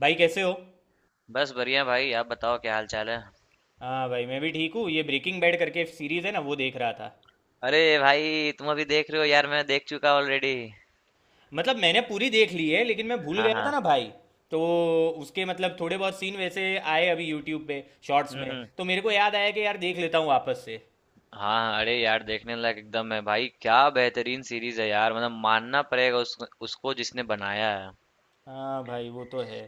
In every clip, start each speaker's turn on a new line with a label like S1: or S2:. S1: भाई, कैसे हो।
S2: बस बढ़िया भाई। आप बताओ, क्या हाल चाल है?
S1: हाँ भाई, मैं भी ठीक हूँ। ये ब्रेकिंग बैड करके सीरीज है ना, वो देख रहा था।
S2: अरे भाई, तुम अभी देख रहे हो? यार मैं देख चुका ऑलरेडी।
S1: मतलब मैंने पूरी देख ली है, लेकिन मैं भूल
S2: हाँ
S1: गया था
S2: हाँ।
S1: ना भाई। तो उसके मतलब थोड़े बहुत सीन वैसे आए अभी यूट्यूब पे शॉर्ट्स में।
S2: हम्म हम्म
S1: तो मेरे को याद आया कि यार देख लेता हूँ वापस से।
S2: हाँ हाँ, अरे यार देखने लायक एकदम है भाई। क्या बेहतरीन सीरीज है यार। मतलब मानना पड़ेगा उसको जिसने बनाया है।
S1: हाँ भाई, वो तो है।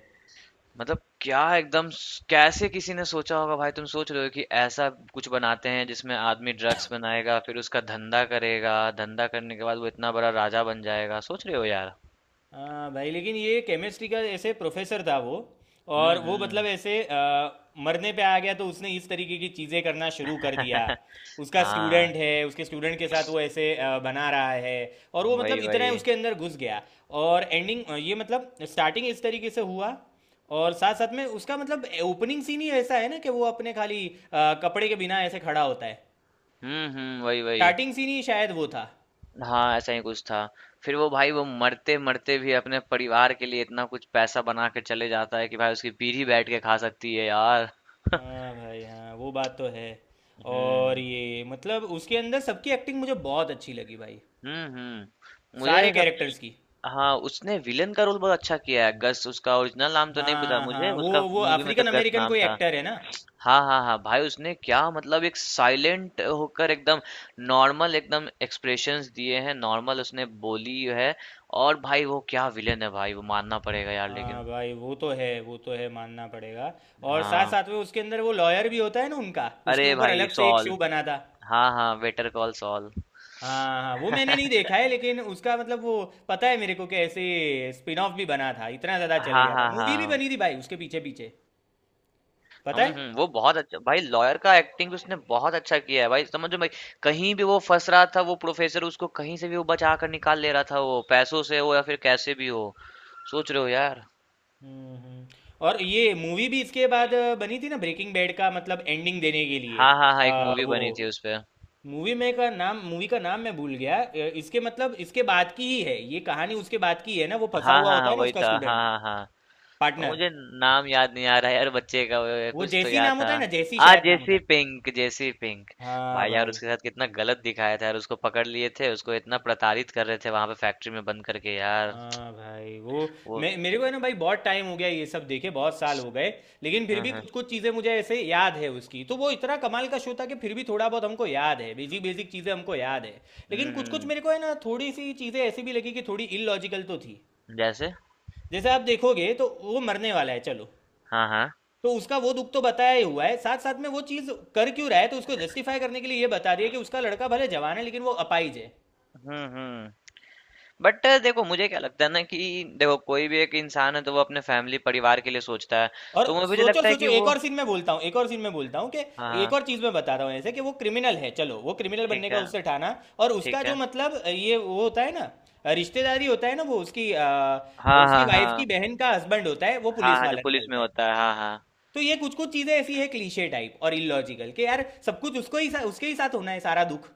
S2: मतलब क्या एकदम कैसे किसी ने सोचा होगा भाई। तुम सोच रहे हो कि ऐसा कुछ बनाते हैं जिसमें आदमी ड्रग्स बनाएगा फिर उसका धंधा करेगा। धंधा करने के बाद वो इतना बड़ा राजा बन जाएगा। सोच रहे हो यार।
S1: हाँ भाई, लेकिन ये केमिस्ट्री का ऐसे प्रोफेसर था वो।
S2: हम्म
S1: और वो मतलब
S2: हम्म
S1: ऐसे मरने पे आ गया, तो उसने इस तरीके की चीज़ें करना शुरू कर दिया। उसका
S2: हाँ,
S1: स्टूडेंट है, उसके स्टूडेंट के साथ वो ऐसे बना रहा है, और वो मतलब
S2: वही
S1: इतना है
S2: वही।
S1: उसके अंदर घुस गया। और एंडिंग ये मतलब स्टार्टिंग इस तरीके से हुआ। और साथ साथ में उसका मतलब ओपनिंग सीन ही ऐसा है ना, कि वो अपने खाली कपड़े के बिना ऐसे खड़ा होता है।
S2: वही वही।
S1: स्टार्टिंग सीन ही शायद वो था।
S2: हाँ, ऐसा ही कुछ था। फिर वो भाई वो मरते-मरते भी अपने परिवार के लिए इतना कुछ पैसा बना के चले जाता है कि भाई उसकी पीढ़ी बैठ के खा सकती है यार।
S1: हाँ भाई, हाँ वो बात तो है। और
S2: हम्म,
S1: ये मतलब उसके अंदर सबकी एक्टिंग मुझे बहुत अच्छी लगी भाई,
S2: हुँ, हुँ। मुझे
S1: सारे
S2: सब।
S1: कैरेक्टर्स की।
S2: हाँ, उसने विलेन का रोल बहुत अच्छा किया है। गस, उसका ओरिजिनल नाम तो नहीं पता
S1: हाँ
S2: मुझे,
S1: हाँ, वो
S2: उसका
S1: वो
S2: मूवी में तो
S1: अफ्रीकन
S2: गस
S1: अमेरिकन
S2: नाम
S1: कोई
S2: था।
S1: एक्टर है ना।
S2: हाँ, हाँ, हाँ, भाई उसने क्या मतलब एक साइलेंट होकर एकदम नॉर्मल एकदम एक्सप्रेशंस दिए हैं, नॉर्मल उसने बोली है। और भाई वो क्या विलेन है भाई, वो मानना पड़ेगा यार
S1: हाँ
S2: लेकिन।
S1: भाई, वो तो है, वो तो है, मानना पड़ेगा। और साथ
S2: हाँ।
S1: साथ में उसके अंदर वो लॉयर भी होता है ना, उनका उसके
S2: अरे
S1: ऊपर
S2: भाई
S1: अलग से एक
S2: सॉल।
S1: शो बना था।
S2: हाँ हाँ, बेटर कॉल सॉल।
S1: हाँ हाँ, वो मैंने नहीं देखा है, लेकिन उसका मतलब वो, पता है मेरे को कि ऐसे स्पिन ऑफ भी बना था, इतना ज़्यादा चल
S2: हाँ
S1: गया था,
S2: हाँ
S1: मूवी भी
S2: हाँ।
S1: बनी थी भाई उसके पीछे पीछे, पता
S2: हम
S1: है।
S2: वो बहुत अच्छा भाई, लॉयर का एक्टिंग उसने बहुत अच्छा किया है भाई, समझो भाई। कहीं भी वो फंस रहा था वो प्रोफेसर, उसको कहीं से भी वो बचा कर निकाल ले रहा था। वो पैसों से हो या फिर कैसे भी हो। सोच रहे हो यार।
S1: हम्म, और ये मूवी भी इसके बाद बनी थी ना, ब्रेकिंग बैड का मतलब एंडिंग देने के लिए।
S2: हाँ हाँ हाँ, एक मूवी बनी
S1: वो
S2: थी उस पे।
S1: मूवी का नाम मैं भूल गया। इसके मतलब इसके बाद की ही है ये कहानी, उसके बाद की है ना। वो फंसा
S2: हाँ
S1: हुआ
S2: हाँ
S1: होता
S2: हाँ,
S1: है ना
S2: वही
S1: उसका
S2: था। हाँ
S1: स्टूडेंट
S2: हाँ हाँ। और
S1: पार्टनर।
S2: मुझे नाम याद नहीं आ रहा है यार बच्चे का।
S1: वो
S2: कुछ तो
S1: जैसी
S2: याद
S1: नाम
S2: था।
S1: होता है ना, जैसी
S2: हाँ,
S1: शायद नाम होता
S2: जेसी
S1: है।
S2: Pink, Jesse Pink.
S1: हाँ
S2: भाई यार
S1: भाई।
S2: उसके साथ कितना गलत दिखाया था यार। उसको पकड़ लिए थे, उसको इतना प्रताड़ित कर रहे थे वहां पे फैक्ट्री में बंद करके यार।
S1: हाँ भाई, वो
S2: वो
S1: मैं, मेरे को है ना भाई, बहुत टाइम हो गया ये सब देखे, बहुत साल हो गए। लेकिन फिर
S2: हम्म
S1: भी
S2: हम्म
S1: कुछ कुछ चीज़ें मुझे ऐसे याद है उसकी, तो वो इतना कमाल का शो था कि फिर भी थोड़ा बहुत हमको याद है, बेसिक बेसिक चीज़ें हमको याद है। लेकिन
S2: हम्म
S1: कुछ कुछ
S2: हम्म,
S1: मेरे को है ना, थोड़ी सी चीज़ें ऐसी भी लगी कि थोड़ी इलॉजिकल तो थी।
S2: जैसे।
S1: जैसे आप देखोगे तो वो मरने वाला है, चलो,
S2: हाँ हाँ।
S1: तो उसका वो दुख तो बताया ही हुआ है। साथ साथ में वो चीज़ कर क्यों रहा है, तो उसको जस्टिफाई करने के लिए ये बता दिया कि उसका लड़का भले जवान है लेकिन वो अपाहिज है।
S2: हम्म हम्म बट देखो मुझे क्या लगता है ना कि देखो कोई भी एक इंसान है तो वो अपने फैमिली परिवार के लिए सोचता है।
S1: और
S2: तो मुझे भी
S1: सोचो
S2: लगता है
S1: सोचो,
S2: कि
S1: एक
S2: वो
S1: और सीन में बोलता हूँ, कि
S2: हाँ
S1: एक
S2: हाँ।
S1: और चीज़ मैं बता रहा हूँ ऐसे, कि वो क्रिमिनल है, चलो, वो क्रिमिनल बनने
S2: ठीक
S1: का
S2: है,
S1: उससे ठाना। और उसका
S2: ठीक
S1: जो
S2: है।
S1: मतलब ये वो होता है ना, रिश्तेदारी होता है ना, वो उसकी
S2: हाँ
S1: उसकी
S2: हाँ
S1: वाइफ की
S2: हाँ।
S1: बहन का हस्बैंड होता है, वो
S2: हाँ
S1: पुलिस
S2: हाँ, जो
S1: वाला
S2: पुलिस में
S1: निकलता है।
S2: होता है, हाँ हाँ।
S1: तो ये कुछ कुछ चीज़ें ऐसी है, क्लीशे टाइप और इलॉजिकल, कि यार सब कुछ उसके ही साथ होना है, सारा दुख।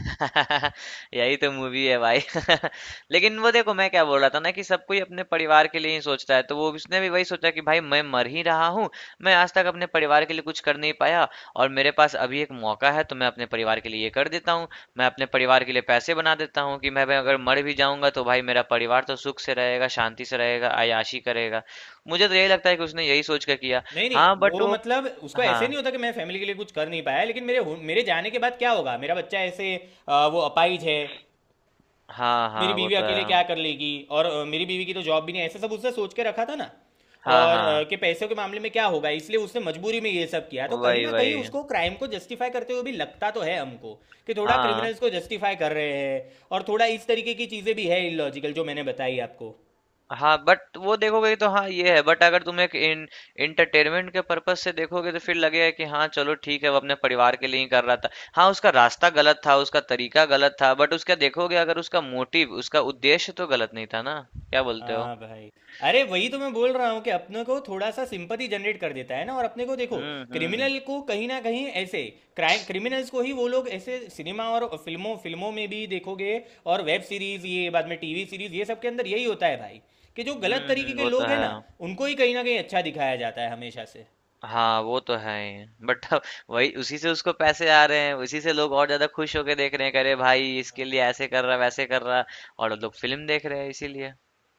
S2: यही तो मूवी है भाई। लेकिन वो देखो, मैं क्या बोल रहा था ना कि सब कोई अपने परिवार के लिए ही सोचता है। तो वो उसने भी वही सोचा कि भाई मैं मर ही रहा हूँ। मैं आज तक अपने परिवार के लिए कुछ कर नहीं पाया। और मेरे पास अभी एक मौका है, तो मैं अपने परिवार के लिए ये कर देता हूँ। मैं अपने परिवार के लिए पैसे बना देता हूँ कि मैं भाई अगर मर भी जाऊंगा तो भाई मेरा परिवार तो सुख से रहेगा, शांति से रहेगा, आयाशी करेगा। मुझे तो यही लगता है कि उसने यही सोच कर किया।
S1: नहीं
S2: हाँ
S1: नहीं,
S2: बट
S1: वो
S2: वो
S1: मतलब उसको
S2: हाँ।
S1: ऐसे नहीं होता कि मैं फैमिली के लिए कुछ कर नहीं पाया, लेकिन मेरे जाने के बाद क्या होगा, मेरा बच्चा ऐसे वो अपाहिज है,
S2: हाँ
S1: मेरी
S2: हाँ, वो
S1: बीवी
S2: तो है।
S1: अकेले क्या कर लेगी, और मेरी बीवी की तो जॉब भी नहीं है, ऐसा सब उसने सोच के रखा था ना।
S2: हाँ
S1: और
S2: हाँ,
S1: कि पैसों के मामले में क्या होगा, इसलिए उसने मजबूरी में ये सब किया। तो कहीं
S2: वही
S1: ना कहीं
S2: वही।
S1: उसको, क्राइम को जस्टिफाई करते हुए भी लगता तो है हमको, कि थोड़ा
S2: हाँ
S1: क्रिमिनल्स को जस्टिफाई कर रहे हैं, और थोड़ा इस तरीके की चीज़ें भी है इलॉजिकल, जो मैंने बताई आपको।
S2: हाँ बट वो देखोगे तो हाँ ये है। बट अगर तुम एक इन इंटरटेनमेंट के पर्पज से देखोगे तो फिर लगेगा कि हाँ चलो ठीक है, वो अपने परिवार के लिए ही कर रहा था। हाँ, उसका रास्ता गलत था, उसका तरीका गलत था, बट उसका देखोगे अगर उसका मोटिव, उसका उद्देश्य तो गलत नहीं था ना। क्या बोलते हो?
S1: हाँ भाई। अरे, वही तो मैं बोल रहा हूँ कि अपने को थोड़ा सा सिंपथी जनरेट कर देता है ना, और अपने को देखो,
S2: हम्म हम्म
S1: क्रिमिनल को कहीं ना कहीं ऐसे, क्राइम, क्रिमिनल्स को ही वो लोग ऐसे सिनेमा और फिल्मों फिल्मों में भी देखोगे। और वेब सीरीज ये, बाद में टीवी सीरीज, ये सब के अंदर यही होता है भाई, कि जो गलत तरीके के
S2: वो तो
S1: लोग हैं
S2: है।
S1: ना, उनको ही कहीं ना कहीं अच्छा दिखाया जाता है हमेशा से।
S2: हाँ वो तो है ही। बट अब वही, उसी से उसको पैसे आ रहे हैं, उसी से लोग और ज्यादा खुश होके देख रहे हैं, करे भाई इसके लिए ऐसे कर रहा वैसे कर रहा। और लोग फिल्म देख रहे हैं इसीलिए।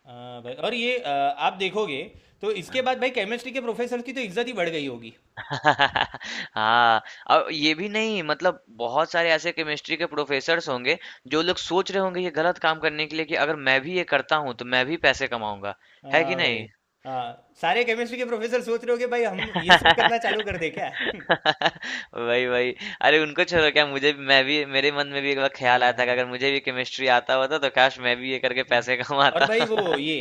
S1: हाँ भाई, और ये आप देखोगे, तो इसके बाद भाई केमिस्ट्री के प्रोफेसर की तो इज्जत ही बढ़ गई होगी।
S2: हाँ। और ये भी नहीं, मतलब बहुत सारे ऐसे केमिस्ट्री के प्रोफेसर्स होंगे जो लोग सोच रहे होंगे ये गलत काम करने के लिए कि अगर मैं भी ये करता हूँ तो मैं भी पैसे कमाऊंगा। है कि
S1: हाँ भाई।
S2: नहीं?
S1: हाँ, सारे केमिस्ट्री के प्रोफेसर सोच रहे हो कि भाई हम ये सब करना चालू कर दे क्या?
S2: वही वही। अरे उनको छोड़ो, क्या मुझे भी, मैं भी मेरे मन में भी एक बार ख्याल आया था कि
S1: हाँ।
S2: अगर मुझे भी केमिस्ट्री आता होता तो काश मैं भी ये करके
S1: हम्म।
S2: पैसे
S1: और
S2: कमाता।
S1: भाई वो ये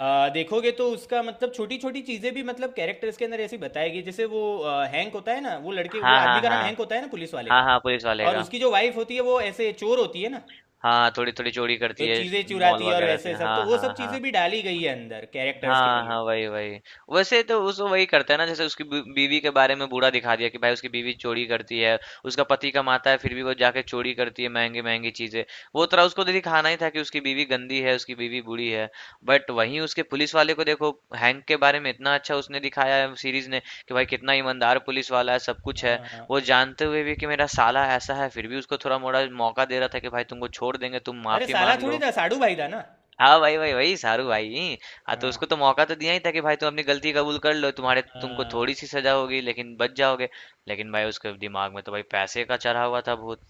S1: देखोगे, तो उसका मतलब छोटी छोटी चीजें भी, मतलब कैरेक्टर्स के अंदर ऐसी बताएगी। जैसे वो हैंक होता है ना, वो लड़के, वो
S2: हाँ
S1: आदमी
S2: हाँ
S1: का नाम
S2: हाँ।
S1: हैंक होता है ना, पुलिस वाले
S2: हाँ
S1: का।
S2: हाँ, पुलिस वाले
S1: और
S2: का।
S1: उसकी जो वाइफ होती है वो ऐसे चोर होती है ना,
S2: हाँ, थोड़ी थोड़ी चोरी
S1: ये
S2: करती है
S1: चीजें
S2: मॉल
S1: चुराती है, और
S2: वगैरह से।
S1: वैसे सब, तो
S2: हाँ
S1: वो सब
S2: हाँ हाँ।
S1: चीजें भी डाली गई है अंदर कैरेक्टर्स के
S2: हाँ
S1: लिए।
S2: हाँ, वही वही। वैसे तो उस वही करता है ना, जैसे उसकी बीवी के बारे में बुरा दिखा दिया कि भाई उसकी बीवी चोरी करती है। उसका पति कमाता है फिर भी वो जाके चोरी करती है महंगी महंगी चीजें। वो तरह उसको तो दिखाना ही था कि उसकी बीवी गंदी है, उसकी बीवी बुरी है। बट वहीं उसके पुलिस वाले को देखो, हैंक के बारे में इतना अच्छा उसने दिखाया है सीरीज ने कि भाई कितना ईमानदार पुलिस वाला है, सब कुछ है।
S1: हाँ हाँ।
S2: वो जानते हुए भी कि मेरा साला ऐसा है फिर भी उसको थोड़ा मोड़ा मौका दे रहा था कि भाई तुमको छोड़ देंगे, तुम
S1: अरे
S2: माफी
S1: साला
S2: मांग
S1: थोड़ी
S2: लो।
S1: था, साडू भाई था ना।
S2: हाँ भाई भाई, वही सारू भाई। हाँ, तो
S1: हाँ
S2: उसको तो मौका तो दिया ही था कि भाई तुम अपनी गलती कबूल कर लो, तुम्हारे तुमको
S1: हाँ।
S2: थोड़ी सी सजा होगी लेकिन बच जाओगे। लेकिन भाई उसके दिमाग में तो भाई पैसे का चढ़ा हुआ था भूत।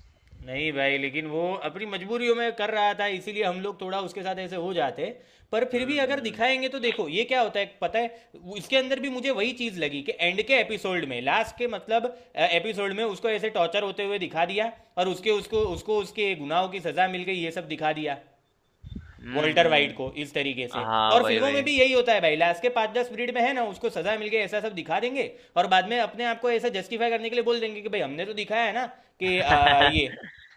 S1: नहीं भाई, लेकिन वो अपनी मजबूरियों में कर रहा था, इसीलिए हम लोग थोड़ा उसके साथ ऐसे हो जाते। पर फिर भी
S2: हम्म
S1: अगर
S2: हम्म
S1: दिखाएंगे तो देखो ये क्या होता है, पता है, इसके अंदर भी मुझे वही चीज लगी कि एंड के एपिसोड में, लास्ट के मतलब एपिसोड में उसको ऐसे टॉर्चर होते हुए दिखा दिया, और उसके उसको उसको उसके गुनाहों की सजा मिल गई, ये सब दिखा दिया,
S2: हम्म
S1: वॉल्टर वाइट को
S2: हम्म,
S1: इस तरीके से।
S2: हाँ
S1: और
S2: वही
S1: फिल्मों
S2: वही।
S1: में भी यही होता है भाई, लास्ट के 5-10 मिनट में है ना, उसको सजा मिल गई, ऐसा सब दिखा देंगे। और बाद में अपने आप को ऐसा जस्टिफाई करने के लिए बोल देंगे कि भाई हमने तो दिखाया है ना, कि आ, ये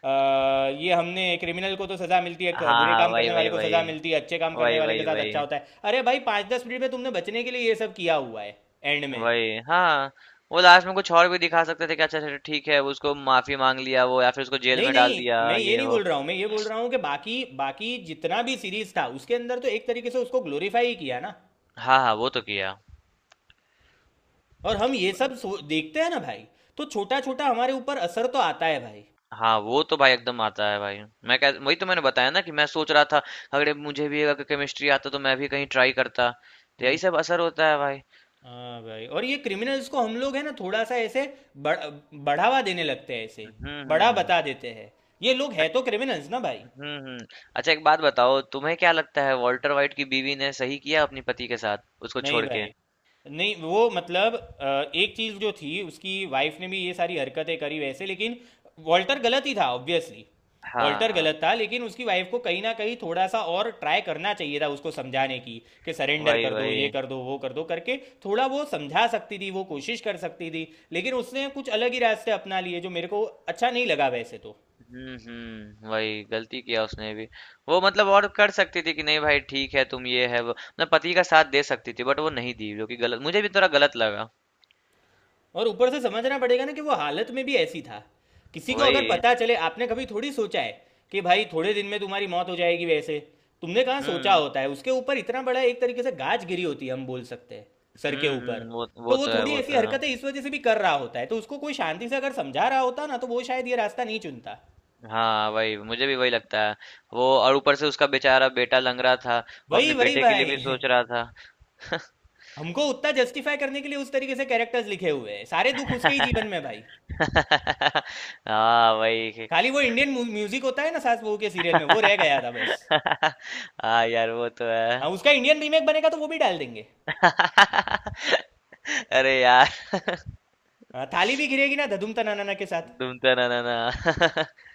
S1: आ, ये हमने, क्रिमिनल को तो सजा मिलती है,
S2: हाँ
S1: बुरे
S2: हाँ,
S1: काम
S2: वही
S1: करने वाले
S2: वही
S1: को सजा
S2: वही।
S1: मिलती है, अच्छे काम करने
S2: वही
S1: वाले के
S2: वही
S1: साथ अच्छा
S2: वही।
S1: होता है। अरे भाई, 5-10 मिनट में तुमने बचने के लिए ये सब किया हुआ है एंड में।
S2: वही हाँ। वो लास्ट में कुछ और भी दिखा सकते थे कि अच्छा चलो ठीक है, उसको माफी मांग लिया वो, या फिर उसको जेल
S1: नहीं
S2: में डाल दिया
S1: नहीं, मैं ये
S2: ये
S1: नहीं
S2: वो।
S1: बोल रहा हूँ, मैं ये बोल रहा हूँ कि बाकी, बाकी जितना भी सीरीज था उसके अंदर, तो एक तरीके से उसको ग्लोरीफाई ही किया ना।
S2: हाँ हाँ, वो तो किया।
S1: और हम ये सब देखते हैं ना भाई, तो छोटा छोटा हमारे ऊपर असर तो आता है भाई।
S2: हाँ, वो तो भाई एकदम आता है भाई। मैं कह वही तो मैंने बताया ना कि मैं सोच रहा था, अगर मुझे भी अगर केमिस्ट्री आता तो मैं भी कहीं ट्राई करता। तो यही
S1: हम्म।
S2: सब असर होता है भाई।
S1: हाँ भाई, और ये क्रिमिनल्स को हम लोग है ना थोड़ा सा ऐसे बढ़, बढ़ावा देने लगते हैं, ऐसे
S2: हम्म हम्म
S1: बड़ा
S2: हम्म।
S1: बता देते हैं। ये लोग है
S2: अच-
S1: तो क्रिमिनल्स ना भाई।
S2: हम्म हम्म। अच्छा एक बात बताओ, तुम्हें क्या लगता है वॉल्टर वाइट की बीवी ने सही किया अपनी पति के साथ उसको
S1: नहीं
S2: छोड़ के?
S1: भाई। नहीं वो मतलब एक चीज जो थी, उसकी वाइफ ने भी ये सारी हरकतें करी वैसे, लेकिन वॉल्टर गलत ही था ऑब्वियसली।
S2: हाँ
S1: वॉल्टर
S2: हाँ,
S1: गलत था, लेकिन उसकी वाइफ को कहीं ना कहीं थोड़ा सा और ट्राई करना चाहिए था उसको समझाने की, कि सरेंडर
S2: वही
S1: कर दो, ये
S2: वही।
S1: कर दो, वो कर दो करके। थोड़ा वो समझा सकती थी, वो कोशिश कर सकती थी, लेकिन उसने कुछ अलग ही रास्ते अपना लिए, जो मेरे को अच्छा नहीं लगा वैसे तो।
S2: वही गलती किया उसने भी। वो मतलब और कर सकती थी कि नहीं भाई ठीक है तुम ये है, वो मतलब पति का साथ दे सकती थी बट वो नहीं दी, जो कि गलत, मुझे भी थोड़ा गलत लगा।
S1: और ऊपर से समझना पड़ेगा ना, कि वो हालत में भी ऐसी था, किसी को अगर
S2: वही।
S1: पता चले, आपने कभी थोड़ी सोचा है कि भाई थोड़े दिन में तुम्हारी मौत हो जाएगी वैसे। तुमने कहाँ सोचा
S2: हम्म
S1: होता है, उसके ऊपर इतना बड़ा एक तरीके से गाज गिरी होती है, हम बोल सकते हैं, सर
S2: हुँ,
S1: के ऊपर।
S2: हुँ,
S1: तो
S2: वो
S1: वो
S2: तो है,
S1: थोड़ी
S2: वो
S1: ऐसी
S2: तो है।
S1: हरकतें इस वजह से भी कर रहा होता है, तो उसको कोई शांति से अगर समझा रहा होता ना, तो वो शायद ये रास्ता नहीं चुनता।
S2: हाँ, वही मुझे भी वही लगता है। वो और ऊपर से उसका बेचारा बेटा लंग रहा था, वो
S1: वही
S2: अपने
S1: वही
S2: बेटे के लिए
S1: भाई।
S2: भी सोच रहा था।
S1: हमको उतना जस्टिफाई करने के लिए उस तरीके से कैरेक्टर्स लिखे हुए हैं, सारे दुख उसके ही जीवन में भाई।
S2: हाँ, वही।
S1: खाली वो इंडियन म्यूजिक होता है ना सास बहू के सीरियल में, वो रह गया था बस।
S2: हाँ यार, वो तो
S1: हाँ,
S2: है।
S1: उसका इंडियन रीमेक बनेगा तो वो भी डाल देंगे।
S2: अरे यार,
S1: हाँ, थाली भी गिरेगी ना धधुम तनाना के साथ।
S2: तुम तो ना ना ना।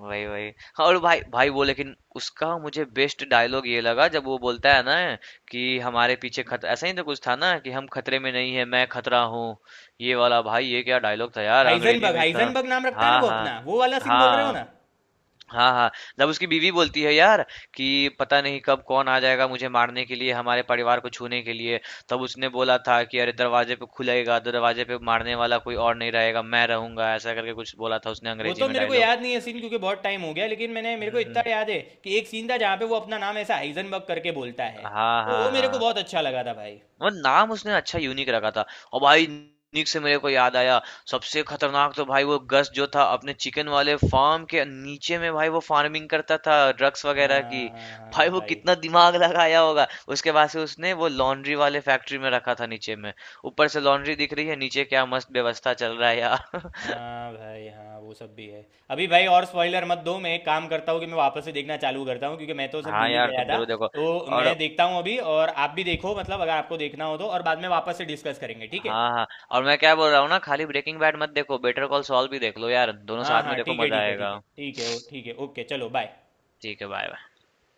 S2: वही वही। हाँ, और भाई भाई वो, लेकिन उसका मुझे बेस्ट डायलॉग ये लगा जब वो बोलता है ना कि हमारे पीछे खतरा, ऐसा ही तो कुछ था ना कि हम खतरे में नहीं है, मैं खतरा हूँ। ये वाला भाई, ये क्या डायलॉग था यार अंग्रेजी
S1: हाइजनबर्ग,
S2: में इसका।
S1: हाइजनबर्ग नाम रखता है ना
S2: हाँ
S1: वो
S2: हाँ।
S1: अपना, वो वाला सीन बोल रहे हो
S2: हाँ।
S1: ना?
S2: हाँ हाँ। जब उसकी बीवी बोलती है यार कि पता नहीं कब कौन आ जाएगा मुझे मारने के लिए, हमारे परिवार को छूने के लिए, तब उसने बोला था कि अरे दरवाजे पे खुलेगा दरवाजे पे, मारने वाला कोई और नहीं रहेगा, मैं रहूंगा, ऐसा करके कुछ बोला था उसने
S1: वो
S2: अंग्रेजी
S1: तो
S2: में
S1: मेरे को
S2: डायलॉग।
S1: याद नहीं है सीन, क्योंकि बहुत टाइम हो गया, लेकिन मैंने, मेरे को
S2: हम्म
S1: इतना
S2: हम्म
S1: याद है कि एक सीन था जहाँ पे वो अपना नाम ऐसा हाइजनबर्ग करके बोलता है।
S2: हाँ
S1: तो
S2: हाँ
S1: वो मेरे को
S2: हाँ।
S1: बहुत अच्छा लगा था भाई।
S2: वो नाम उसने अच्छा यूनिक रखा था। और भाई यूनिक से मेरे को याद आया, सबसे खतरनाक तो भाई वो गस जो था, अपने चिकन वाले फार्म के नीचे में भाई वो फार्मिंग करता था ड्रग्स वगैरह की।
S1: हाँ
S2: भाई
S1: हाँ
S2: वो
S1: भाई,
S2: कितना दिमाग लगाया होगा। उसके बाद से उसने वो लॉन्ड्री वाले फैक्ट्री में रखा था नीचे में। ऊपर से लॉन्ड्री दिख रही है, नीचे क्या मस्त व्यवस्था चल रहा है यार।
S1: हाँ भाई, हाँ वो सब भी है। अभी भाई और स्पॉइलर मत दो, मैं एक काम करता हूँ कि मैं वापस से देखना चालू करता हूँ, क्योंकि मैं तो सब
S2: हाँ
S1: भूल ही
S2: यार
S1: गया
S2: तुम
S1: था।
S2: जरूर देखो।
S1: तो
S2: और
S1: मैं देखता हूँ अभी, और आप भी देखो, मतलब अगर आपको देखना हो तो, और बाद में वापस से डिस्कस करेंगे, ठीक है।
S2: हाँ हाँ। और मैं क्या बोल रहा हूँ ना, खाली ब्रेकिंग बैड मत देखो, बेटर कॉल सॉल भी देख लो यार, दोनों
S1: हाँ
S2: साथ में
S1: हाँ,
S2: देखो,
S1: ठीक है,
S2: मजा
S1: ठीक है, ठीक
S2: आएगा।
S1: है, ठीक है, ठीक है, ओके, चलो बाय।
S2: ठीक है बाय।